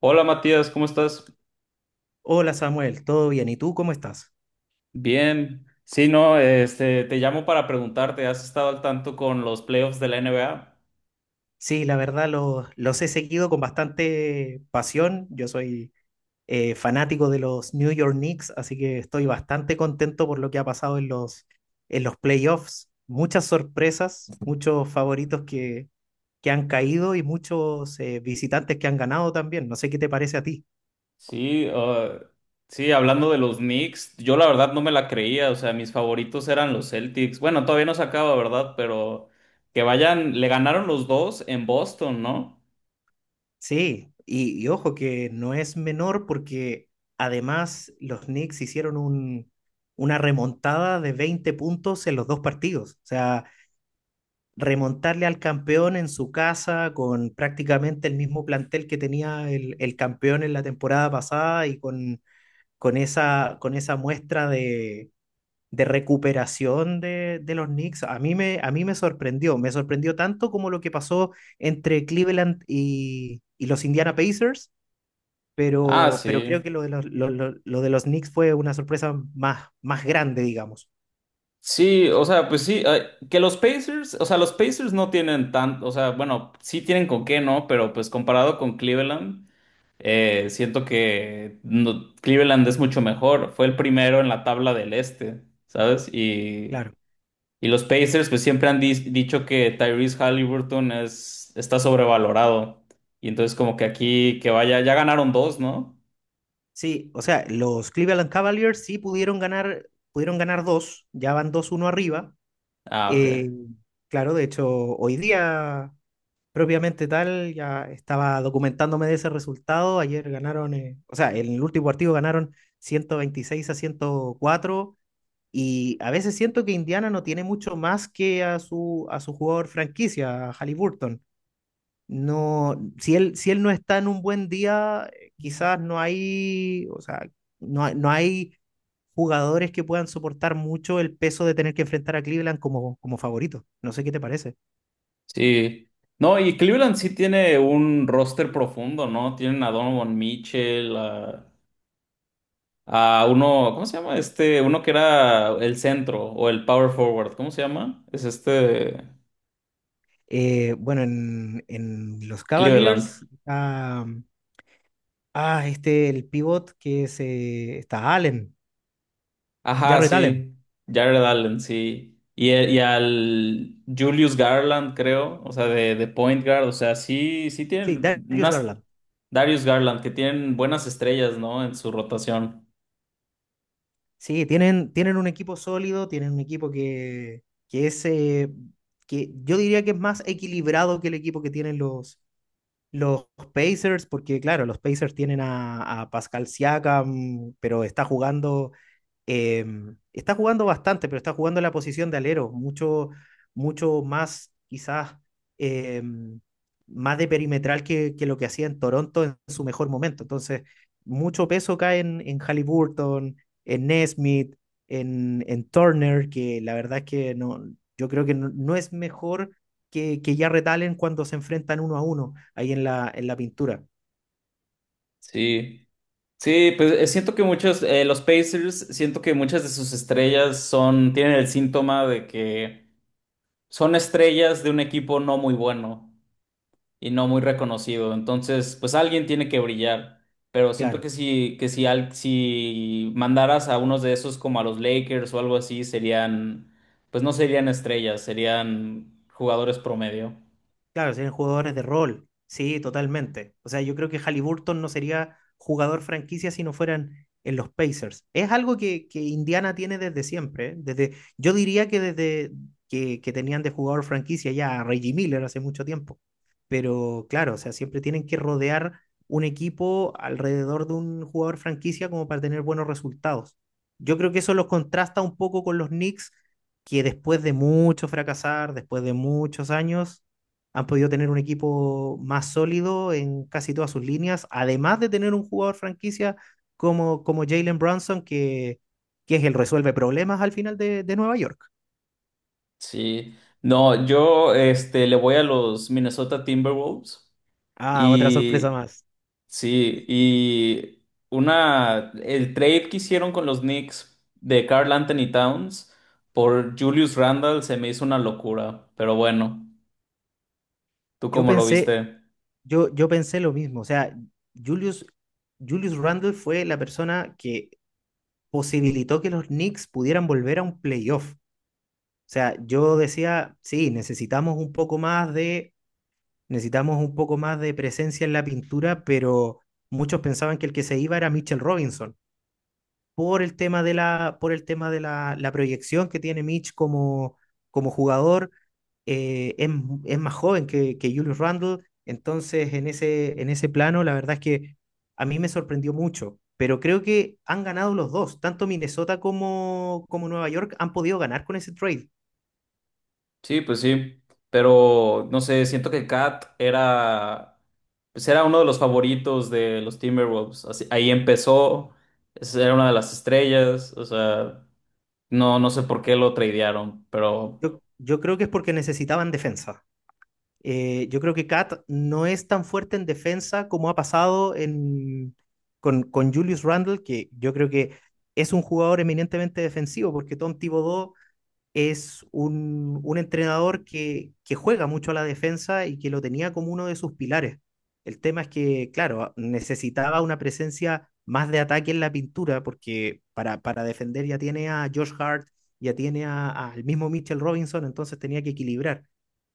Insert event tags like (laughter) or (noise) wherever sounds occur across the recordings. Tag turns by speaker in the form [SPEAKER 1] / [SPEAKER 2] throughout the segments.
[SPEAKER 1] Hola Matías, ¿cómo estás?
[SPEAKER 2] Hola Samuel, ¿todo bien? ¿Y tú cómo estás?
[SPEAKER 1] Bien. Sí, no, te llamo para preguntarte, ¿has estado al tanto con los playoffs de la NBA?
[SPEAKER 2] Sí, la verdad los he seguido con bastante pasión. Yo soy fanático de los New York Knicks, así que estoy bastante contento por lo que ha pasado en los playoffs. Muchas sorpresas, muchos que han caído y muchos visitantes que han ganado también. No sé qué te parece a ti.
[SPEAKER 1] Sí, uh, sí, hablando de los Knicks, yo la verdad no me la creía, o sea, mis favoritos eran los Celtics. Bueno, todavía no se acaba, ¿verdad? Pero que vayan, le ganaron los dos en Boston, ¿no?
[SPEAKER 2] Sí, y ojo que no es menor porque además los Knicks una remontada de 20 puntos en los dos partidos. O sea, remontarle al campeón en su casa con prácticamente el mismo plantel que tenía el campeón en la temporada pasada y con con esa muestra de recuperación de los Knicks, a mí me sorprendió. Me sorprendió tanto como lo que pasó entre Cleveland y los Indiana Pacers
[SPEAKER 1] Ah,
[SPEAKER 2] pero creo que
[SPEAKER 1] sí.
[SPEAKER 2] lo de lo de los Knicks fue una sorpresa más grande, digamos.
[SPEAKER 1] Sí, o sea, pues sí, que los Pacers, o sea, los Pacers no tienen tanto, o sea, bueno, sí tienen con qué, ¿no? Pero pues comparado con Cleveland. Siento que Cleveland es mucho mejor. Fue el primero en la tabla del este, ¿sabes?
[SPEAKER 2] Claro.
[SPEAKER 1] Y los Pacers pues siempre han dicho que Tyrese Halliburton es, está sobrevalorado. Y entonces como que aquí que vaya, ya ganaron dos, ¿no?
[SPEAKER 2] Sí, o sea, los Cleveland Cavaliers sí pudieron ganar dos, ya van dos uno arriba.
[SPEAKER 1] Ah, ok.
[SPEAKER 2] Eh, claro, de hecho, hoy día, propiamente tal, ya estaba documentándome de ese resultado. Ayer ganaron, o sea, en el último partido ganaron 126 a 104. Y a veces siento que Indiana no tiene mucho más que a a su jugador franquicia, a Haliburton. No, si él no está en un buen día, quizás no hay, o sea, no hay jugadores que puedan soportar mucho el peso de tener que enfrentar a Cleveland como favorito. No sé qué te parece.
[SPEAKER 1] Sí. No, y Cleveland sí tiene un roster profundo, ¿no? Tienen a Donovan Mitchell, a uno, ¿cómo se llama? Este, uno que era el centro o el power forward, ¿cómo se llama? Es este.
[SPEAKER 2] Bueno, en los
[SPEAKER 1] Cleveland.
[SPEAKER 2] Cavaliers, este, el pivot que se está Allen,
[SPEAKER 1] Ajá,
[SPEAKER 2] Jarrett Allen.
[SPEAKER 1] sí. Jared Allen, sí. Y y al Julius Garland, creo, o sea, de point guard, o sea, sí, sí
[SPEAKER 2] Sí,
[SPEAKER 1] tienen
[SPEAKER 2] Darius
[SPEAKER 1] unas
[SPEAKER 2] Garland.
[SPEAKER 1] Darius Garland que tienen buenas estrellas, ¿no? En su rotación.
[SPEAKER 2] Sí, tienen un equipo sólido, tienen un equipo que yo diría que es más equilibrado que el equipo que tienen los Pacers, porque claro, los Pacers tienen a Pascal Siakam, pero está eh, está jugando bastante, pero está jugando en la posición de alero, mucho, mucho más quizás eh, más de perimetral lo que hacía en Toronto en su mejor momento. Entonces, mucho peso cae en Halliburton, en Nesmith, en Turner, que la verdad es que no, yo creo que no, no es mejor que ya retalen cuando se enfrentan uno a uno ahí en en la pintura,
[SPEAKER 1] Sí. Sí, pues siento que muchos, los Pacers, siento que muchas de sus estrellas son, tienen el síntoma de que son estrellas de un equipo no muy bueno y no muy reconocido. Entonces, pues alguien tiene que brillar. Pero siento
[SPEAKER 2] claro.
[SPEAKER 1] que si, si mandaras a unos de esos como a los Lakers o algo así, serían, pues no serían estrellas, serían jugadores promedio.
[SPEAKER 2] Claro, serían jugadores de rol. Sí, totalmente. O sea, yo creo que Halliburton no sería jugador franquicia si no fueran en los Pacers. Es algo que Indiana tiene desde siempre. ¿Eh? Desde, yo diría que desde que tenían de jugador franquicia ya a Reggie Miller hace mucho tiempo. Pero claro, o sea, siempre tienen que rodear un equipo alrededor de un jugador franquicia como para tener buenos resultados. Yo creo que eso los contrasta un poco con los Knicks, que después de mucho fracasar, después de muchos años han podido tener un equipo más sólido en casi todas sus líneas, además de tener un jugador franquicia como Jalen Brunson, que es el resuelve problemas al final de Nueva York.
[SPEAKER 1] Sí. No, yo le voy a los Minnesota Timberwolves
[SPEAKER 2] Ah, otra sorpresa
[SPEAKER 1] y
[SPEAKER 2] más.
[SPEAKER 1] sí, y una, el trade que hicieron con los Knicks de Carl Anthony Towns por Julius Randle se me hizo una locura, pero bueno. ¿Tú
[SPEAKER 2] Yo
[SPEAKER 1] cómo lo
[SPEAKER 2] pensé,
[SPEAKER 1] viste?
[SPEAKER 2] yo pensé lo mismo, o sea, Julius, Julius Randle fue la persona que posibilitó que los Knicks pudieran volver a un playoff. O sea, yo decía, sí, necesitamos un poco más de necesitamos un poco más de presencia en la pintura, pero muchos pensaban que el que se iba era Mitchell Robinson, por el tema por el tema de la proyección que tiene Mitch como jugador. Eh, es, es más joven que Julius Randle, entonces en ese plano la verdad es que a mí me sorprendió mucho, pero creo que han ganado los dos, tanto Minnesota como Nueva York han podido ganar con ese trade.
[SPEAKER 1] Sí, pues sí. Pero no sé, siento que Cat era, pues era uno de los favoritos de los Timberwolves. Ahí empezó, era una de las estrellas. O sea, no sé por qué lo tradearon, pero
[SPEAKER 2] Yo creo que es porque necesitaban defensa. Yo creo que Kat no es tan fuerte en defensa como ha pasado en, con Julius Randle, que yo creo que es un jugador eminentemente defensivo, porque Tom Thibodeau es un entrenador que juega mucho a la defensa y que lo tenía como uno de sus pilares. El tema es que, claro, necesitaba una presencia más de ataque en la pintura, porque para defender ya tiene a Josh Hart, ya tiene al mismo Mitchell Robinson, entonces tenía que equilibrar.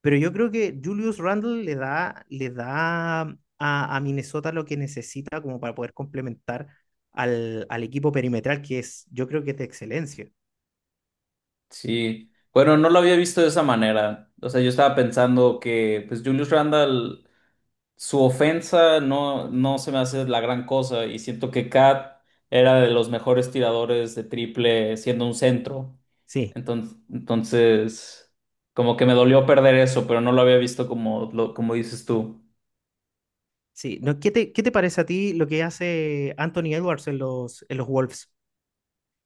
[SPEAKER 2] Pero yo creo que Julius Randle le da a Minnesota lo que necesita como para poder complementar al equipo perimetral, que es, yo creo que es de excelencia.
[SPEAKER 1] sí. Bueno, no lo había visto de esa manera. O sea, yo estaba pensando que, pues, Julius Randle, su ofensa no, no se me hace la gran cosa. Y siento que Cat era de los mejores tiradores de triple siendo un centro.
[SPEAKER 2] Sí.
[SPEAKER 1] Entonces, como que me dolió perder eso, pero no lo había visto como, como dices tú.
[SPEAKER 2] Sí, no, ¿qué te parece a ti lo que hace Anthony Edwards en en los Wolves?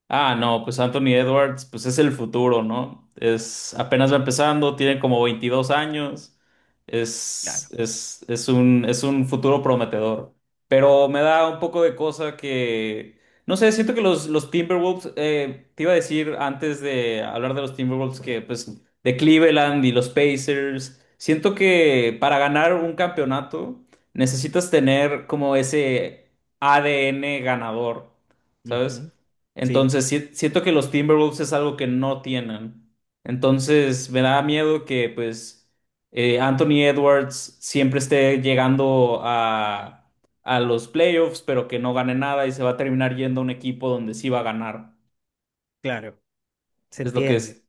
[SPEAKER 1] Ah, no, pues Anthony Edwards, pues es el futuro, ¿no? Es apenas va empezando, tiene como 22 años,
[SPEAKER 2] Claro.
[SPEAKER 1] es un futuro prometedor. Pero me da un poco de cosa que, no sé, siento que los Timberwolves, te iba a decir antes de hablar de los Timberwolves que, pues, de Cleveland y los Pacers, siento que para ganar un campeonato necesitas tener como ese ADN ganador, ¿sabes?
[SPEAKER 2] Ujú. Sí,
[SPEAKER 1] Entonces, siento que los Timberwolves es algo que no tienen. Entonces, me da miedo que, pues, Anthony Edwards siempre esté llegando a los playoffs, pero que no gane nada y se va a terminar yendo a un equipo donde sí va a ganar.
[SPEAKER 2] claro, se
[SPEAKER 1] Es lo que
[SPEAKER 2] entiende.
[SPEAKER 1] es-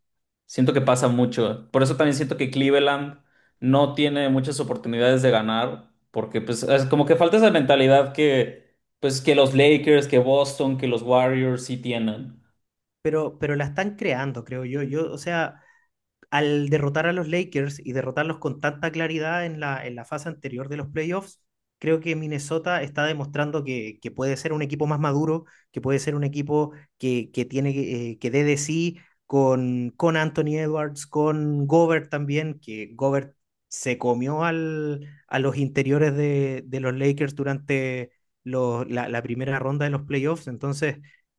[SPEAKER 1] Siento que pasa mucho. Por eso también siento que Cleveland no tiene muchas oportunidades de ganar, porque, pues, es como que falta esa mentalidad que, pues, que los Lakers, que Boston, que los Warriors sí tienen.
[SPEAKER 2] Pero la están creando, creo yo. Yo, o sea, al derrotar a los Lakers y derrotarlos con tanta claridad en en la fase anterior de los playoffs, creo que Minnesota está demostrando puede ser un equipo más maduro, que puede ser un equipo que tiene que dé de sí con Anthony Edwards, con Gobert también, que Gobert se comió a los interiores de los Lakers durante la primera ronda de los playoffs. Entonces,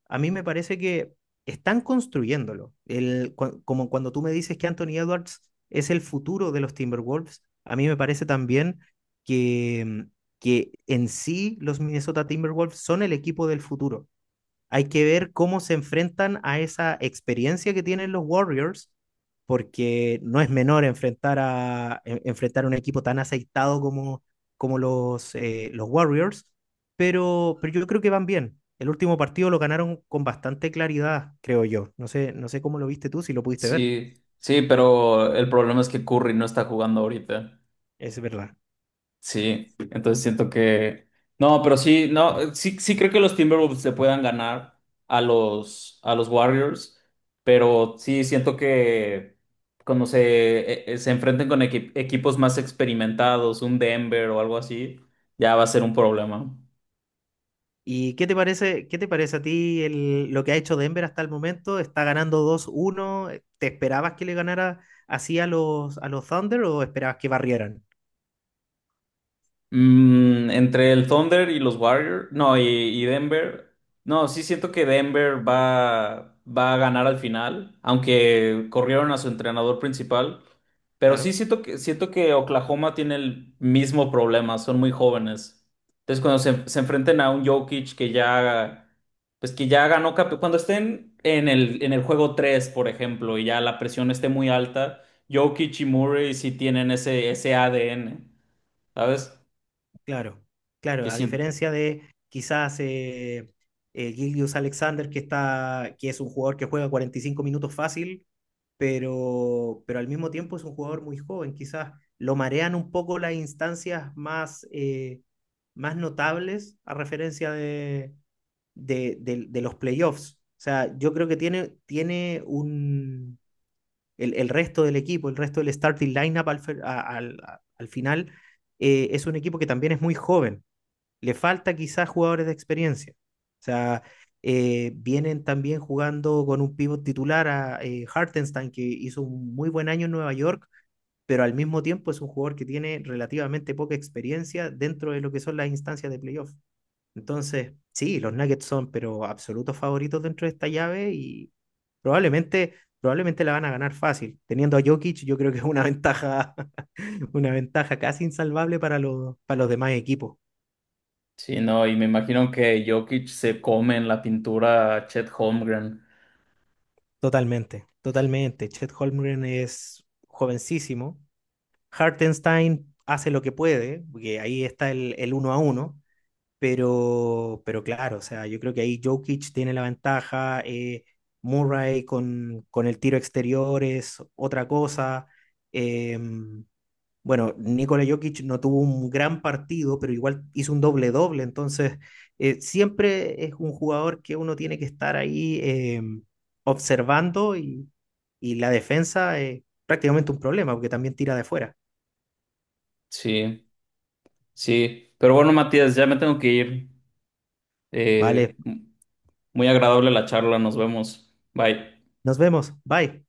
[SPEAKER 2] a mí me parece que están construyéndolo. Como cuando tú me dices que Anthony Edwards es el futuro de los Timberwolves, a mí me parece también que, que en sí los Minnesota Timberwolves son el equipo del futuro. Hay que ver cómo se enfrentan a esa experiencia que tienen los Warriors, porque no es menor enfrentar enfrentar a un equipo tan aceitado como los Warriors, pero yo creo que van bien. El último partido lo ganaron con bastante claridad, creo yo. No sé cómo lo viste tú, si lo pudiste ver.
[SPEAKER 1] Sí, sí, pero el problema es que Curry no está jugando ahorita.
[SPEAKER 2] Es verdad.
[SPEAKER 1] Sí, entonces siento que… No, pero sí, no, sí, sí creo que los Timberwolves se puedan ganar a a los Warriors, pero sí siento que cuando se enfrenten con equipos más experimentados, un Denver o algo así, ya va a ser un problema.
[SPEAKER 2] ¿Y qué te parece a ti lo que ha hecho Denver hasta el momento? ¿Está ganando dos uno? ¿Te esperabas que le ganara así a a los Thunder o esperabas que barrieran?
[SPEAKER 1] Mm, entre el Thunder y los Warriors, no, y Denver, no, sí siento que Denver va a ganar al final, aunque corrieron a su entrenador principal, pero sí
[SPEAKER 2] Claro,
[SPEAKER 1] siento que Oklahoma tiene el mismo problema, son muy jóvenes. Entonces cuando se enfrenten a un Jokic que ya, pues que ya ganó, cuando estén en el juego 3 por ejemplo, y ya la presión esté muy alta, Jokic y Murray sí tienen ese ADN, ¿sabes?
[SPEAKER 2] claro, claro.
[SPEAKER 1] ¿Qué
[SPEAKER 2] A
[SPEAKER 1] siento?
[SPEAKER 2] diferencia de quizás Gildius Alexander, que está, que es un jugador que juega 45 minutos fácil, pero al mismo tiempo es un jugador muy joven. Quizás lo marean un poco las instancias más notables a referencia de los playoffs. O sea, yo creo que tiene un, el resto del equipo, el resto del starting lineup al final, es un equipo que también es muy joven. Le falta quizás jugadores de experiencia. O sea, vienen también jugando con un pivot titular a Hartenstein, que hizo un muy buen año en Nueva York, pero al mismo tiempo es un jugador que tiene relativamente poca experiencia dentro de lo que son las instancias de playoff. Entonces, sí, los Nuggets son, pero absolutos favoritos dentro de esta llave y probablemente, probablemente la van a ganar fácil. Teniendo a Jokic, yo creo que es una ventaja, (laughs) una ventaja casi insalvable para para los demás equipos.
[SPEAKER 1] Sí, no, y me imagino que Jokic se come en la pintura a Chet Holmgren.
[SPEAKER 2] Totalmente, totalmente. Chet Holmgren es jovencísimo. Hartenstein hace lo que puede, porque ahí está el uno a uno, pero claro, o sea, yo creo que ahí Jokic tiene la ventaja, Murray con el tiro exterior es otra cosa. em, bueno, Nikola Jokic no tuvo un gran partido, pero igual hizo un doble-doble, entonces siempre es un jugador que uno tiene que estar ahí observando y la defensa es prácticamente un problema porque también tira de fuera.
[SPEAKER 1] Sí, sí. Pero bueno, Matías, ya me tengo que ir.
[SPEAKER 2] Vale,
[SPEAKER 1] Eh, muy agradable la charla, nos vemos. Bye.
[SPEAKER 2] nos vemos, bye.